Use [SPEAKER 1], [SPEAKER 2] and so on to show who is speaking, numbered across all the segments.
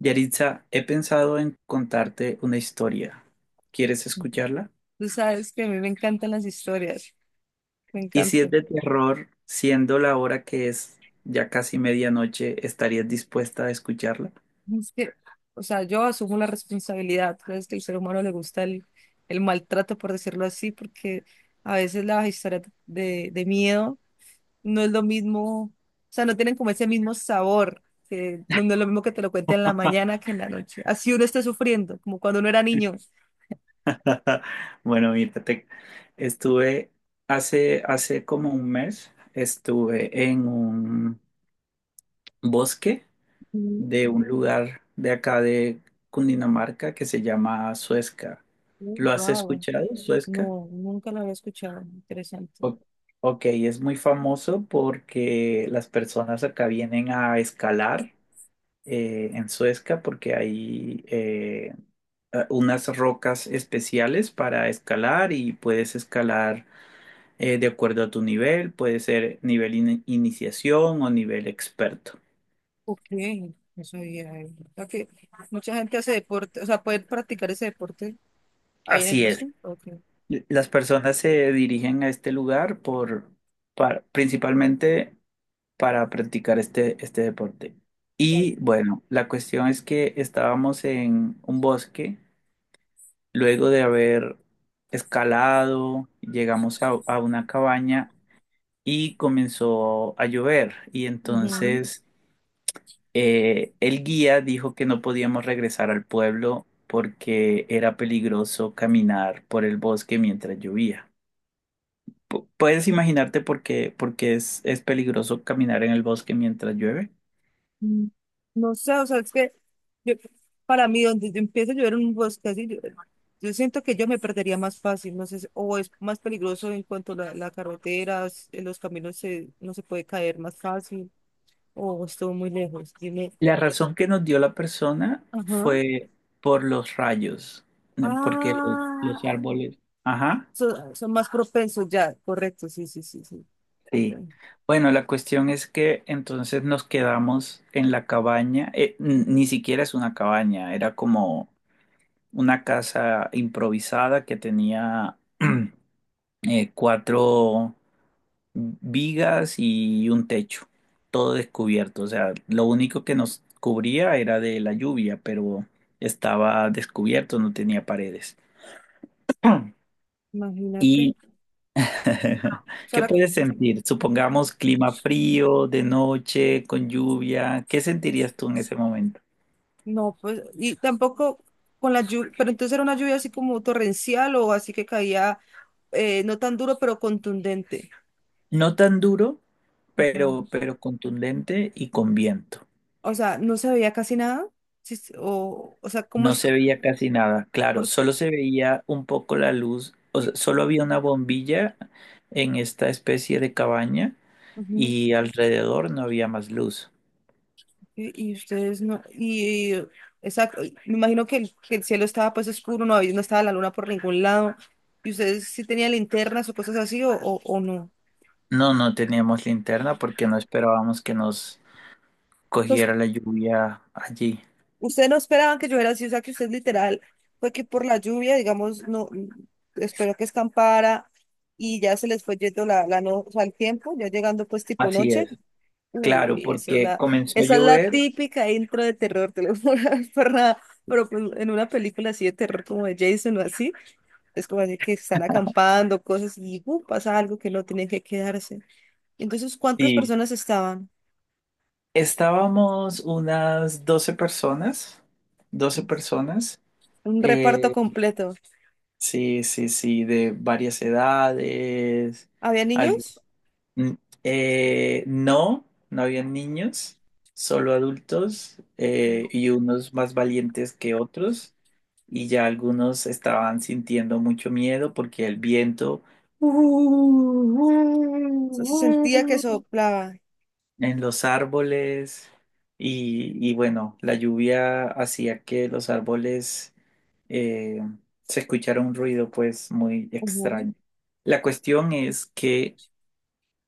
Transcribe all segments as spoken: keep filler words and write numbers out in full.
[SPEAKER 1] Yaritza, he pensado en contarte una historia. ¿Quieres escucharla?
[SPEAKER 2] Tú sabes que a mí me encantan las historias, me
[SPEAKER 1] Y si es
[SPEAKER 2] encantan.
[SPEAKER 1] de terror, siendo la hora que es ya casi medianoche, ¿estarías dispuesta a escucharla?
[SPEAKER 2] Es que, o sea, yo asumo la responsabilidad, sabes que al ser humano le gusta el, el maltrato, por decirlo así, porque a veces las historias de, de miedo no es lo mismo, o sea, no tienen como ese mismo sabor, que no no es lo mismo que te lo cuenten en la mañana que en la noche. Así uno está sufriendo, como cuando uno era niño.
[SPEAKER 1] Bueno, mira, te- estuve hace, hace como un mes, estuve en un bosque
[SPEAKER 2] Mm.
[SPEAKER 1] de un lugar de acá de Cundinamarca que se llama Suezca. ¿Lo has
[SPEAKER 2] Wow,
[SPEAKER 1] escuchado, Suezca?
[SPEAKER 2] no, nunca lo había escuchado, interesante.
[SPEAKER 1] O- Ok, es muy famoso porque las personas acá vienen a escalar eh, en Suezca porque hay eh, eh, unas rocas especiales para escalar y puedes escalar eh, de acuerdo a tu nivel, puede ser nivel in- iniciación o nivel experto.
[SPEAKER 2] Ok, no sabía eso. O sea que mucha gente hace deporte, o sea, pueden practicar ese deporte ahí en el
[SPEAKER 1] Así es.
[SPEAKER 2] bosque. Ok.
[SPEAKER 1] Las personas se dirigen a este lugar por, para- principalmente para practicar este, este deporte. Y bueno, la cuestión es que estábamos en un bosque, luego de haber escalado, llegamos a, a una cabaña y comenzó a llover. Y
[SPEAKER 2] Ujú.
[SPEAKER 1] entonces eh, el guía dijo que no podíamos regresar al pueblo porque era peligroso caminar por el bosque mientras llovía. Pu- ¿Puedes imaginarte por qué, por qué es, es peligroso caminar en el bosque mientras llueve?
[SPEAKER 2] Mm. No sé, o sea, es que yo, para mí, donde yo empiezo a llover en un bosque así, yo, yo siento que yo me perdería más fácil, no sé, si- o es más peligroso en cuanto a la, la carretera, s- en los caminos se, no se puede caer más fácil, o estuvo muy lejos. Dime.
[SPEAKER 1] La razón que nos dio la persona
[SPEAKER 2] Ajá.
[SPEAKER 1] fue por los rayos, ¿no? Porque lo- los
[SPEAKER 2] Ah,
[SPEAKER 1] árboles. Ajá,
[SPEAKER 2] son, son más propensos ya, correcto, sí, sí, sí, sí.
[SPEAKER 1] sí. Bueno, la cuestión es que entonces nos quedamos en la cabaña. Eh, n- ni siquiera es una cabaña, era como una casa improvisada que tenía eh, cuatro vigas y un techo, todo descubierto. O sea, lo único que nos cubría era de la lluvia, pero estaba descubierto, no tenía paredes.
[SPEAKER 2] Imagínate.
[SPEAKER 1] ¿Y
[SPEAKER 2] O sea,
[SPEAKER 1] qué
[SPEAKER 2] la co-
[SPEAKER 1] puedes sentir? Supongamos clima frío, de noche, con lluvia. ¿Qué sentirías tú en ese momento?
[SPEAKER 2] no, pues, y tampoco con la lluvia, pero entonces era una lluvia así como torrencial o así que caía, eh, no tan duro, pero contundente.
[SPEAKER 1] No tan duro,
[SPEAKER 2] Ajá.
[SPEAKER 1] pero, pero contundente y con viento.
[SPEAKER 2] O sea, no se veía casi nada. Sí, sí, o, o sea, ¿cómo
[SPEAKER 1] No
[SPEAKER 2] es?
[SPEAKER 1] se veía casi nada, claro,
[SPEAKER 2] ¿Por qué?
[SPEAKER 1] solo se veía un poco la luz, o sea, solo había una bombilla en esta especie de cabaña
[SPEAKER 2] Ujú.
[SPEAKER 1] y alrededor no había más luz.
[SPEAKER 2] Y, y ustedes no, y exacto, y me imagino que el, que el cielo estaba pues oscuro, no había, no estaba la luna por ningún lado, y ustedes sí tenían linternas o cosas así, o, o, o no.
[SPEAKER 1] No, no teníamos linterna porque no esperábamos que nos
[SPEAKER 2] Pues
[SPEAKER 1] cogiera la lluvia allí.
[SPEAKER 2] ustedes no esperaban que lloviera así, o sea que usted literal fue que por la lluvia, digamos, no esperó que escampara y ya se les fue yendo la, la no, o sea, el tiempo, ya llegando pues tipo
[SPEAKER 1] Así
[SPEAKER 2] noche.
[SPEAKER 1] es, claro,
[SPEAKER 2] Uy, esa es
[SPEAKER 1] porque
[SPEAKER 2] la,
[SPEAKER 1] comenzó a
[SPEAKER 2] esa es la
[SPEAKER 1] llover
[SPEAKER 2] típica intro de terror, te lo juro, por nada. Pero pues, en una película así de terror como de Jason o así, es como así que están acampando, cosas y uh, pasa algo que no tienen que quedarse. Entonces, ¿cuántas
[SPEAKER 1] y
[SPEAKER 2] personas estaban?
[SPEAKER 1] estábamos unas doce personas, doce personas,
[SPEAKER 2] Un reparto
[SPEAKER 1] eh,
[SPEAKER 2] completo.
[SPEAKER 1] sí, sí, sí, de varias edades.
[SPEAKER 2] ¿Había niños?
[SPEAKER 1] Mm, eh, no, no habían niños, solo adultos, eh, y unos más valientes que otros y ya algunos estaban sintiendo mucho miedo porque el viento
[SPEAKER 2] se se sentía que soplaba.
[SPEAKER 1] en los árboles y, y bueno, la lluvia hacía que los árboles, eh, se escuchara un ruido pues muy
[SPEAKER 2] Ujú.
[SPEAKER 1] extraño. La cuestión es que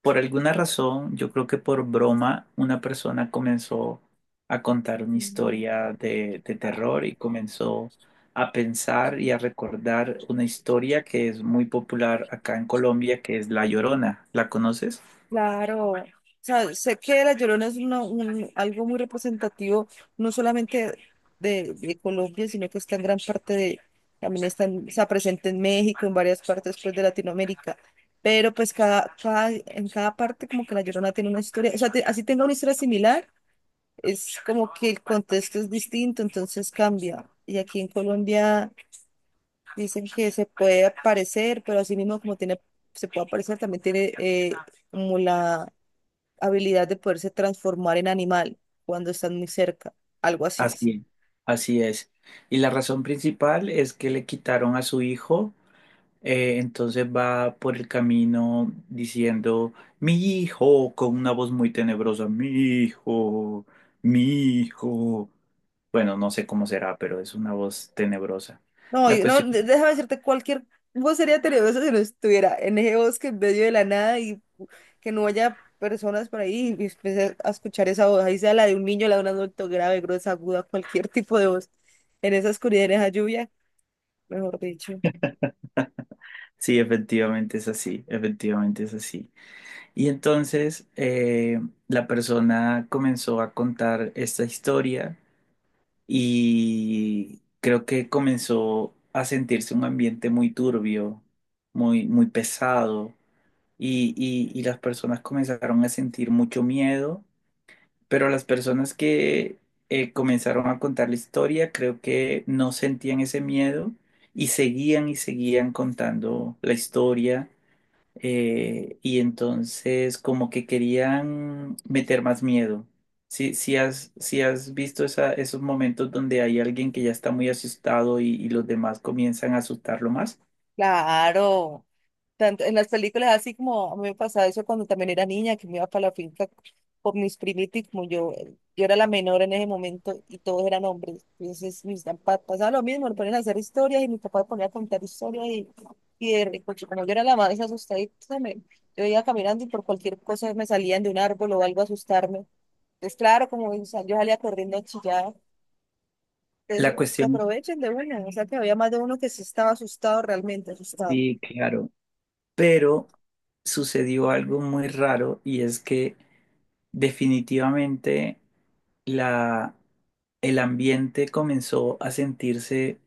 [SPEAKER 1] por alguna razón, yo creo que por broma, una persona comenzó a contar una historia de, de terror y comenzó a pensar y a recordar una historia que es muy popular acá en Colombia, que es La Llorona. ¿La conoces?
[SPEAKER 2] Claro, o sea, sé que La Llorona es una- un- algo muy representativo, no solamente de, de Colombia, sino que está en gran parte de, también está, en- está presente en México, en varias partes pues, de Latinoamérica, pero pues cada, cada, en cada parte como que La Llorona tiene una historia, o sea, te- así tenga una historia similar, es como que el contexto es distinto, entonces cambia. Y aquí en Colombia dicen que se puede aparecer, pero así mismo como tiene, se puede aparecer, también tiene eh, como la habilidad de poderse transformar en animal cuando están muy cerca, algo así,
[SPEAKER 1] Así
[SPEAKER 2] sí.
[SPEAKER 1] es, así es. Y la razón principal es que le quitaron a su hijo. Eh, entonces va por el camino diciendo, mi hijo, con una voz muy tenebrosa, mi hijo, mi hijo. Bueno, no sé cómo será, pero es una voz tenebrosa.
[SPEAKER 2] No,
[SPEAKER 1] La
[SPEAKER 2] y- no,
[SPEAKER 1] cuestión,
[SPEAKER 2] de- déjame decirte, cualquier voz sería tenebrosa si no estuviera en ese bosque en medio de la nada y que no haya personas por ahí y empecé a escuchar esa voz, ahí sea la de un niño, la de un adulto grave, gruesa, aguda, cualquier tipo de voz, en esa oscuridad, en esa lluvia, mejor dicho.
[SPEAKER 1] sí, efectivamente es así, efectivamente es así. Y entonces eh, la persona comenzó a contar esta historia y creo que comenzó a sentirse un ambiente muy turbio, muy, muy pesado y, y y las personas comenzaron a sentir mucho miedo, pero las personas que eh, comenzaron a contar la historia creo que no sentían ese miedo y seguían y seguían contando la historia, eh, y entonces como que querían meter más miedo. Si, si has, si has visto esa- esos momentos donde hay alguien que ya está muy asustado y, y los demás comienzan a asustarlo más.
[SPEAKER 2] Claro. Tanto en las películas, así como a mí me pasaba eso cuando también era niña, que me iba para la finca con mis primitos, y como yo, yo era la menor en ese momento y todos eran hombres. Entonces, mis papás pasaba lo mismo, me ponían a hacer historias y mi papá me ponía a contar historias y, y de rico. Como yo era la más asustadita, me, yo iba caminando y por cualquier cosa me salían de un árbol o algo a asustarme. Entonces, claro, como o sea, yo salía corriendo a chillar. Entonces,
[SPEAKER 1] La
[SPEAKER 2] se
[SPEAKER 1] cuestión,
[SPEAKER 2] aprovechan de una, o sea que había más de uno que se estaba asustado, realmente asustado.
[SPEAKER 1] sí, claro, pero sucedió algo muy raro y es que definitivamente la, el ambiente comenzó a sentirse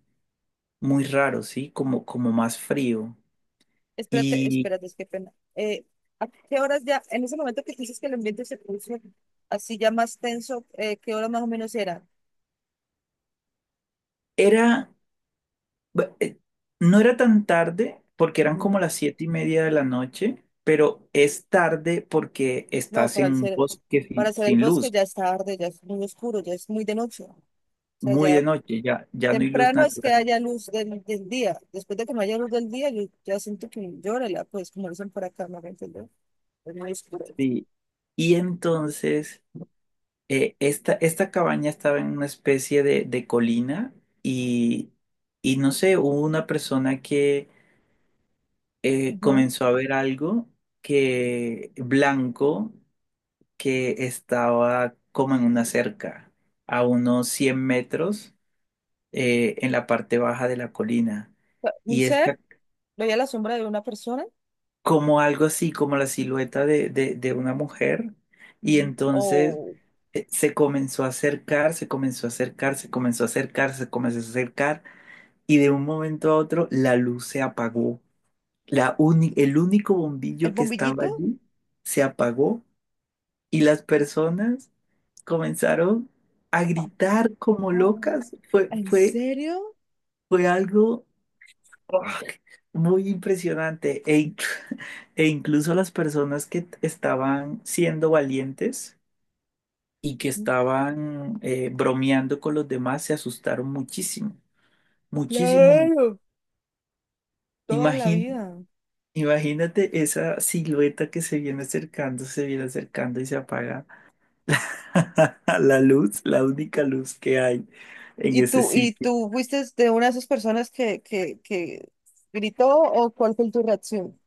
[SPEAKER 1] muy raro, ¿sí? Como, como más frío.
[SPEAKER 2] Espérate,
[SPEAKER 1] Y
[SPEAKER 2] espérate, es que pena. Eh, ¿a qué horas ya, en ese momento que tú dices que el ambiente se puso así ya más tenso, eh, qué hora más o menos era?
[SPEAKER 1] era, bu- eh, no era tan tarde porque eran como
[SPEAKER 2] Ujú.
[SPEAKER 1] las siete y media de la noche, pero es tarde porque
[SPEAKER 2] No,
[SPEAKER 1] estás
[SPEAKER 2] para
[SPEAKER 1] en un
[SPEAKER 2] hacer,
[SPEAKER 1] bosque
[SPEAKER 2] para
[SPEAKER 1] sin,
[SPEAKER 2] hacer el
[SPEAKER 1] sin
[SPEAKER 2] bosque
[SPEAKER 1] luz,
[SPEAKER 2] ya es tarde, ya es muy oscuro, ya es muy de noche. O sea,
[SPEAKER 1] muy de
[SPEAKER 2] ya
[SPEAKER 1] noche, ya, ya no hay luz
[SPEAKER 2] temprano es que
[SPEAKER 1] natural.
[SPEAKER 2] haya luz del, del día. Después de que no haya luz del día, yo ya siento que llora, pues como dicen por acá, ¿me entiendes? Es muy oscuro.
[SPEAKER 1] Sí. Y entonces, eh, esta, esta cabaña estaba en una especie de, de colina y, y no sé, hubo una persona que eh,
[SPEAKER 2] Ujú.
[SPEAKER 1] comenzó a ver algo que blanco que estaba como en una cerca, a unos cien metros, eh, en la parte baja de la colina.
[SPEAKER 2] O sea, un
[SPEAKER 1] Y está
[SPEAKER 2] ser, veía la sombra de una persona.
[SPEAKER 1] como algo así, como la silueta de, de- de una mujer. Y
[SPEAKER 2] Mm.
[SPEAKER 1] entonces
[SPEAKER 2] O
[SPEAKER 1] eh, se comenzó a acercar, se comenzó a acercar, se comenzó a acercar, se comenzó a acercar. Y de un momento a otro la luz se apagó. La uni- el único
[SPEAKER 2] el
[SPEAKER 1] bombillo que estaba
[SPEAKER 2] bombillito.
[SPEAKER 1] allí se apagó y las personas comenzaron a
[SPEAKER 2] Ah,
[SPEAKER 1] gritar como
[SPEAKER 2] ah.
[SPEAKER 1] locas. Fue,
[SPEAKER 2] ¿En
[SPEAKER 1] fue,
[SPEAKER 2] serio?
[SPEAKER 1] fue algo, ah, muy impresionante. E, in- e incluso las personas que t- estaban siendo valientes y que
[SPEAKER 2] Ujú.
[SPEAKER 1] estaban, eh, bromeando con los demás se asustaron muchísimo, muchísimo. mu-
[SPEAKER 2] Claro, toda la
[SPEAKER 1] Imagín-
[SPEAKER 2] vida.
[SPEAKER 1] Imagínate esa silueta que se viene acercando, se viene acercando y se apaga. La luz, la única luz que hay en
[SPEAKER 2] ¿Y
[SPEAKER 1] ese
[SPEAKER 2] tú, y
[SPEAKER 1] sitio.
[SPEAKER 2] tú fuiste de una de esas personas que, que, que gritó o cuál fue tu reacción?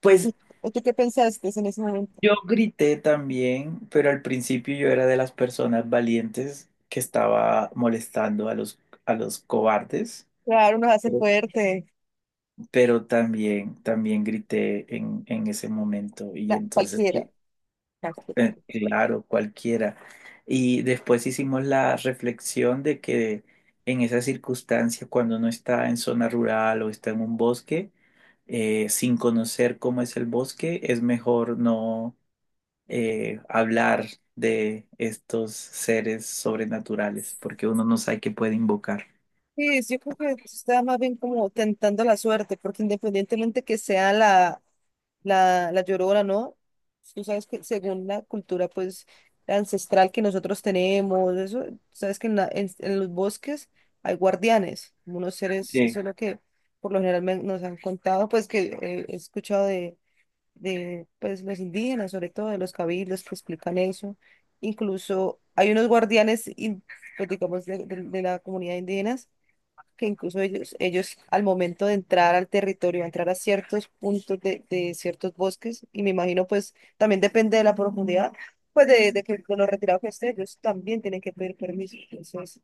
[SPEAKER 1] Pues
[SPEAKER 2] ¿O tú qué pensaste en ese momento?
[SPEAKER 1] yo grité también, pero al principio yo era de las personas valientes que estaba molestando a los, a los cobardes,
[SPEAKER 2] Claro, uno hace
[SPEAKER 1] pero,
[SPEAKER 2] fuerte,
[SPEAKER 1] pero también, también grité en, en ese momento y
[SPEAKER 2] la-
[SPEAKER 1] entonces
[SPEAKER 2] cualquiera.
[SPEAKER 1] que Eh,
[SPEAKER 2] Prácticamente.
[SPEAKER 1] claro, cualquiera. Y después hicimos la reflexión de que en esas circunstancias, cuando uno está en zona rural o está en un bosque, eh, sin conocer cómo es el bosque, es mejor no eh, hablar de estos seres sobrenaturales, porque uno no sabe qué puede invocar.
[SPEAKER 2] Sí, yo creo que está más bien como tentando la suerte, porque independientemente que sea la, La, la llorona, ¿no? Tú sabes que según la cultura, pues, ancestral que nosotros tenemos, eso, sabes que en, la- en- en los bosques hay guardianes, como unos seres, eso
[SPEAKER 1] Sí,
[SPEAKER 2] es lo que por lo general me han- nos han contado, pues, que eh, he escuchado de, de, pues, los indígenas, sobre todo de los cabildos que explican eso. Incluso hay unos guardianes, in- pues, digamos, de, de de la comunidad indígena que incluso ellos, ellos al momento de entrar al territorio, entrar a ciertos puntos de, de ciertos bosques, y me imagino pues también depende de la profundidad, pues de, de, que, de lo retirado que esté, ellos también tienen que pedir permiso. Entonces,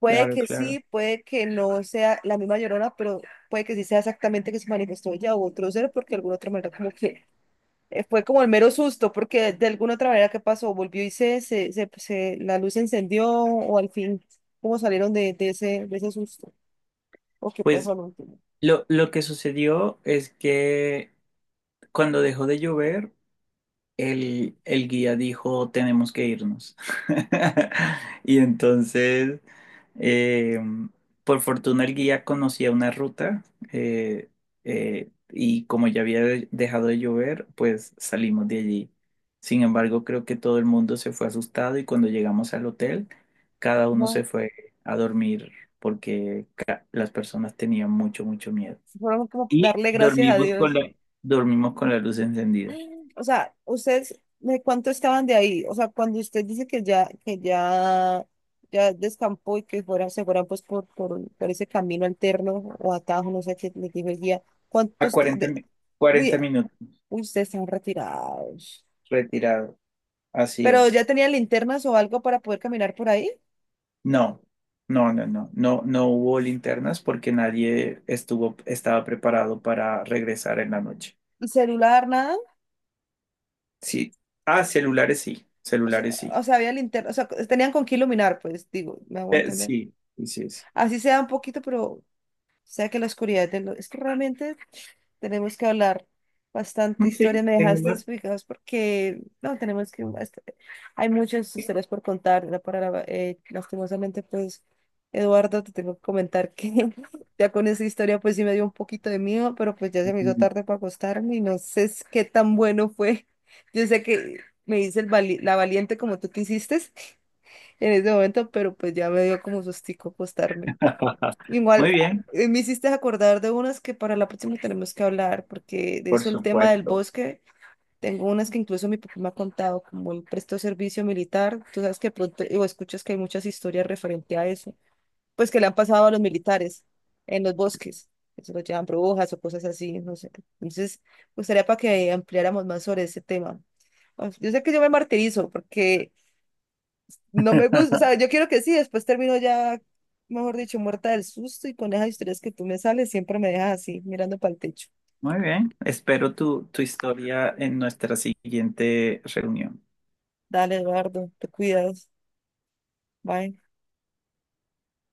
[SPEAKER 2] puede
[SPEAKER 1] claro,
[SPEAKER 2] que
[SPEAKER 1] claro.
[SPEAKER 2] sí, puede que no sea la misma Llorona, pero puede que sí sea exactamente que se manifestó ella u otro ser, porque de alguna otra manera como que eh, fue como el mero susto, porque de alguna otra manera ¿qué pasó? Volvió y se, se, se, se- la luz se encendió o al fin, ¿cómo salieron de, de ese, de ese susto? O qué pasó
[SPEAKER 1] Pues
[SPEAKER 2] al último.
[SPEAKER 1] lo, lo que sucedió es que cuando dejó de llover, el, el guía dijo, tenemos que irnos. Y entonces, eh, por fortuna el guía conocía una ruta, eh, eh, y como ya había de- dejado de llover, pues salimos de allí. Sin embargo, creo que todo el mundo se fue asustado y cuando llegamos al hotel, cada uno se
[SPEAKER 2] No,
[SPEAKER 1] fue a dormir porque ca- las personas tenían mucho, mucho miedo.
[SPEAKER 2] fueron como
[SPEAKER 1] Y
[SPEAKER 2] darle gracias a
[SPEAKER 1] dormimos
[SPEAKER 2] Dios.
[SPEAKER 1] con la, dormimos con la luz encendida.
[SPEAKER 2] O sea, ustedes, ¿de cuánto estaban de ahí? O sea, cuando usted dice que ya, que ya, ya descampó y que fueran, se fueran pues por, por, por ese camino alterno o atajo, no sé qué le dijo el guía,
[SPEAKER 1] A
[SPEAKER 2] ¿cuántos
[SPEAKER 1] cuarenta
[SPEAKER 2] de-
[SPEAKER 1] mi-
[SPEAKER 2] uy,
[SPEAKER 1] cuarenta minutos
[SPEAKER 2] uy, ¿ustedes están retirados?
[SPEAKER 1] retirado. Así
[SPEAKER 2] ¿Pero ya
[SPEAKER 1] es.
[SPEAKER 2] tenían linternas o algo para poder caminar por ahí?
[SPEAKER 1] No, no, no, no, no, no hubo linternas porque nadie estuvo, estaba preparado para regresar en la noche.
[SPEAKER 2] ¿Y celular, nada?
[SPEAKER 1] Sí. Ah, celulares sí,
[SPEAKER 2] O sea,
[SPEAKER 1] celulares sí.
[SPEAKER 2] o sea, había linterna, o sea, tenían con qué iluminar, pues, digo, me hago
[SPEAKER 1] Eh,
[SPEAKER 2] entender.
[SPEAKER 1] sí, sí, sí. Sí,
[SPEAKER 2] Así sea un poquito, pero sea que la oscuridad de lo... Es que realmente tenemos que hablar bastante
[SPEAKER 1] Mm,
[SPEAKER 2] historia.
[SPEAKER 1] sí,
[SPEAKER 2] Me
[SPEAKER 1] tengo.
[SPEAKER 2] dejaste explicados porque no, tenemos que... hasta- hay muchas historias por contar. La- Para la- eh, lastimosamente, pues, Eduardo, te tengo que comentar que ya con esa historia, pues sí me dio un poquito de miedo, pero pues ya se me hizo
[SPEAKER 1] Mm.
[SPEAKER 2] tarde para acostarme y no sé s- qué tan bueno fue. Yo sé que me hice el vali- la valiente como tú te hiciste en ese momento, pero pues ya me dio como sustico acostarme.
[SPEAKER 1] Muy
[SPEAKER 2] Igual, ah,
[SPEAKER 1] bien,
[SPEAKER 2] eh, me hiciste acordar de unas que para la próxima tenemos que hablar, porque de
[SPEAKER 1] por
[SPEAKER 2] eso el tema del
[SPEAKER 1] supuesto.
[SPEAKER 2] bosque, tengo unas que incluso mi papá me ha contado, como él prestó servicio militar, tú sabes que pronto o escuchas que hay muchas historias referente a eso, pues que le han pasado a los militares en los bosques, que se los llevan brujas o cosas así, no sé. Entonces, me gustaría para que ampliáramos más sobre ese tema. Uf, yo sé que yo me martirizo porque no me gusta, o sea, yo quiero que sí, después termino ya, mejor dicho, muerta del susto y con esas historias que tú me sales, siempre me dejas así, mirando para el techo.
[SPEAKER 1] Muy bien. Espero tu, tu historia en nuestra siguiente reunión.
[SPEAKER 2] Dale, Eduardo, te cuidas. Bye.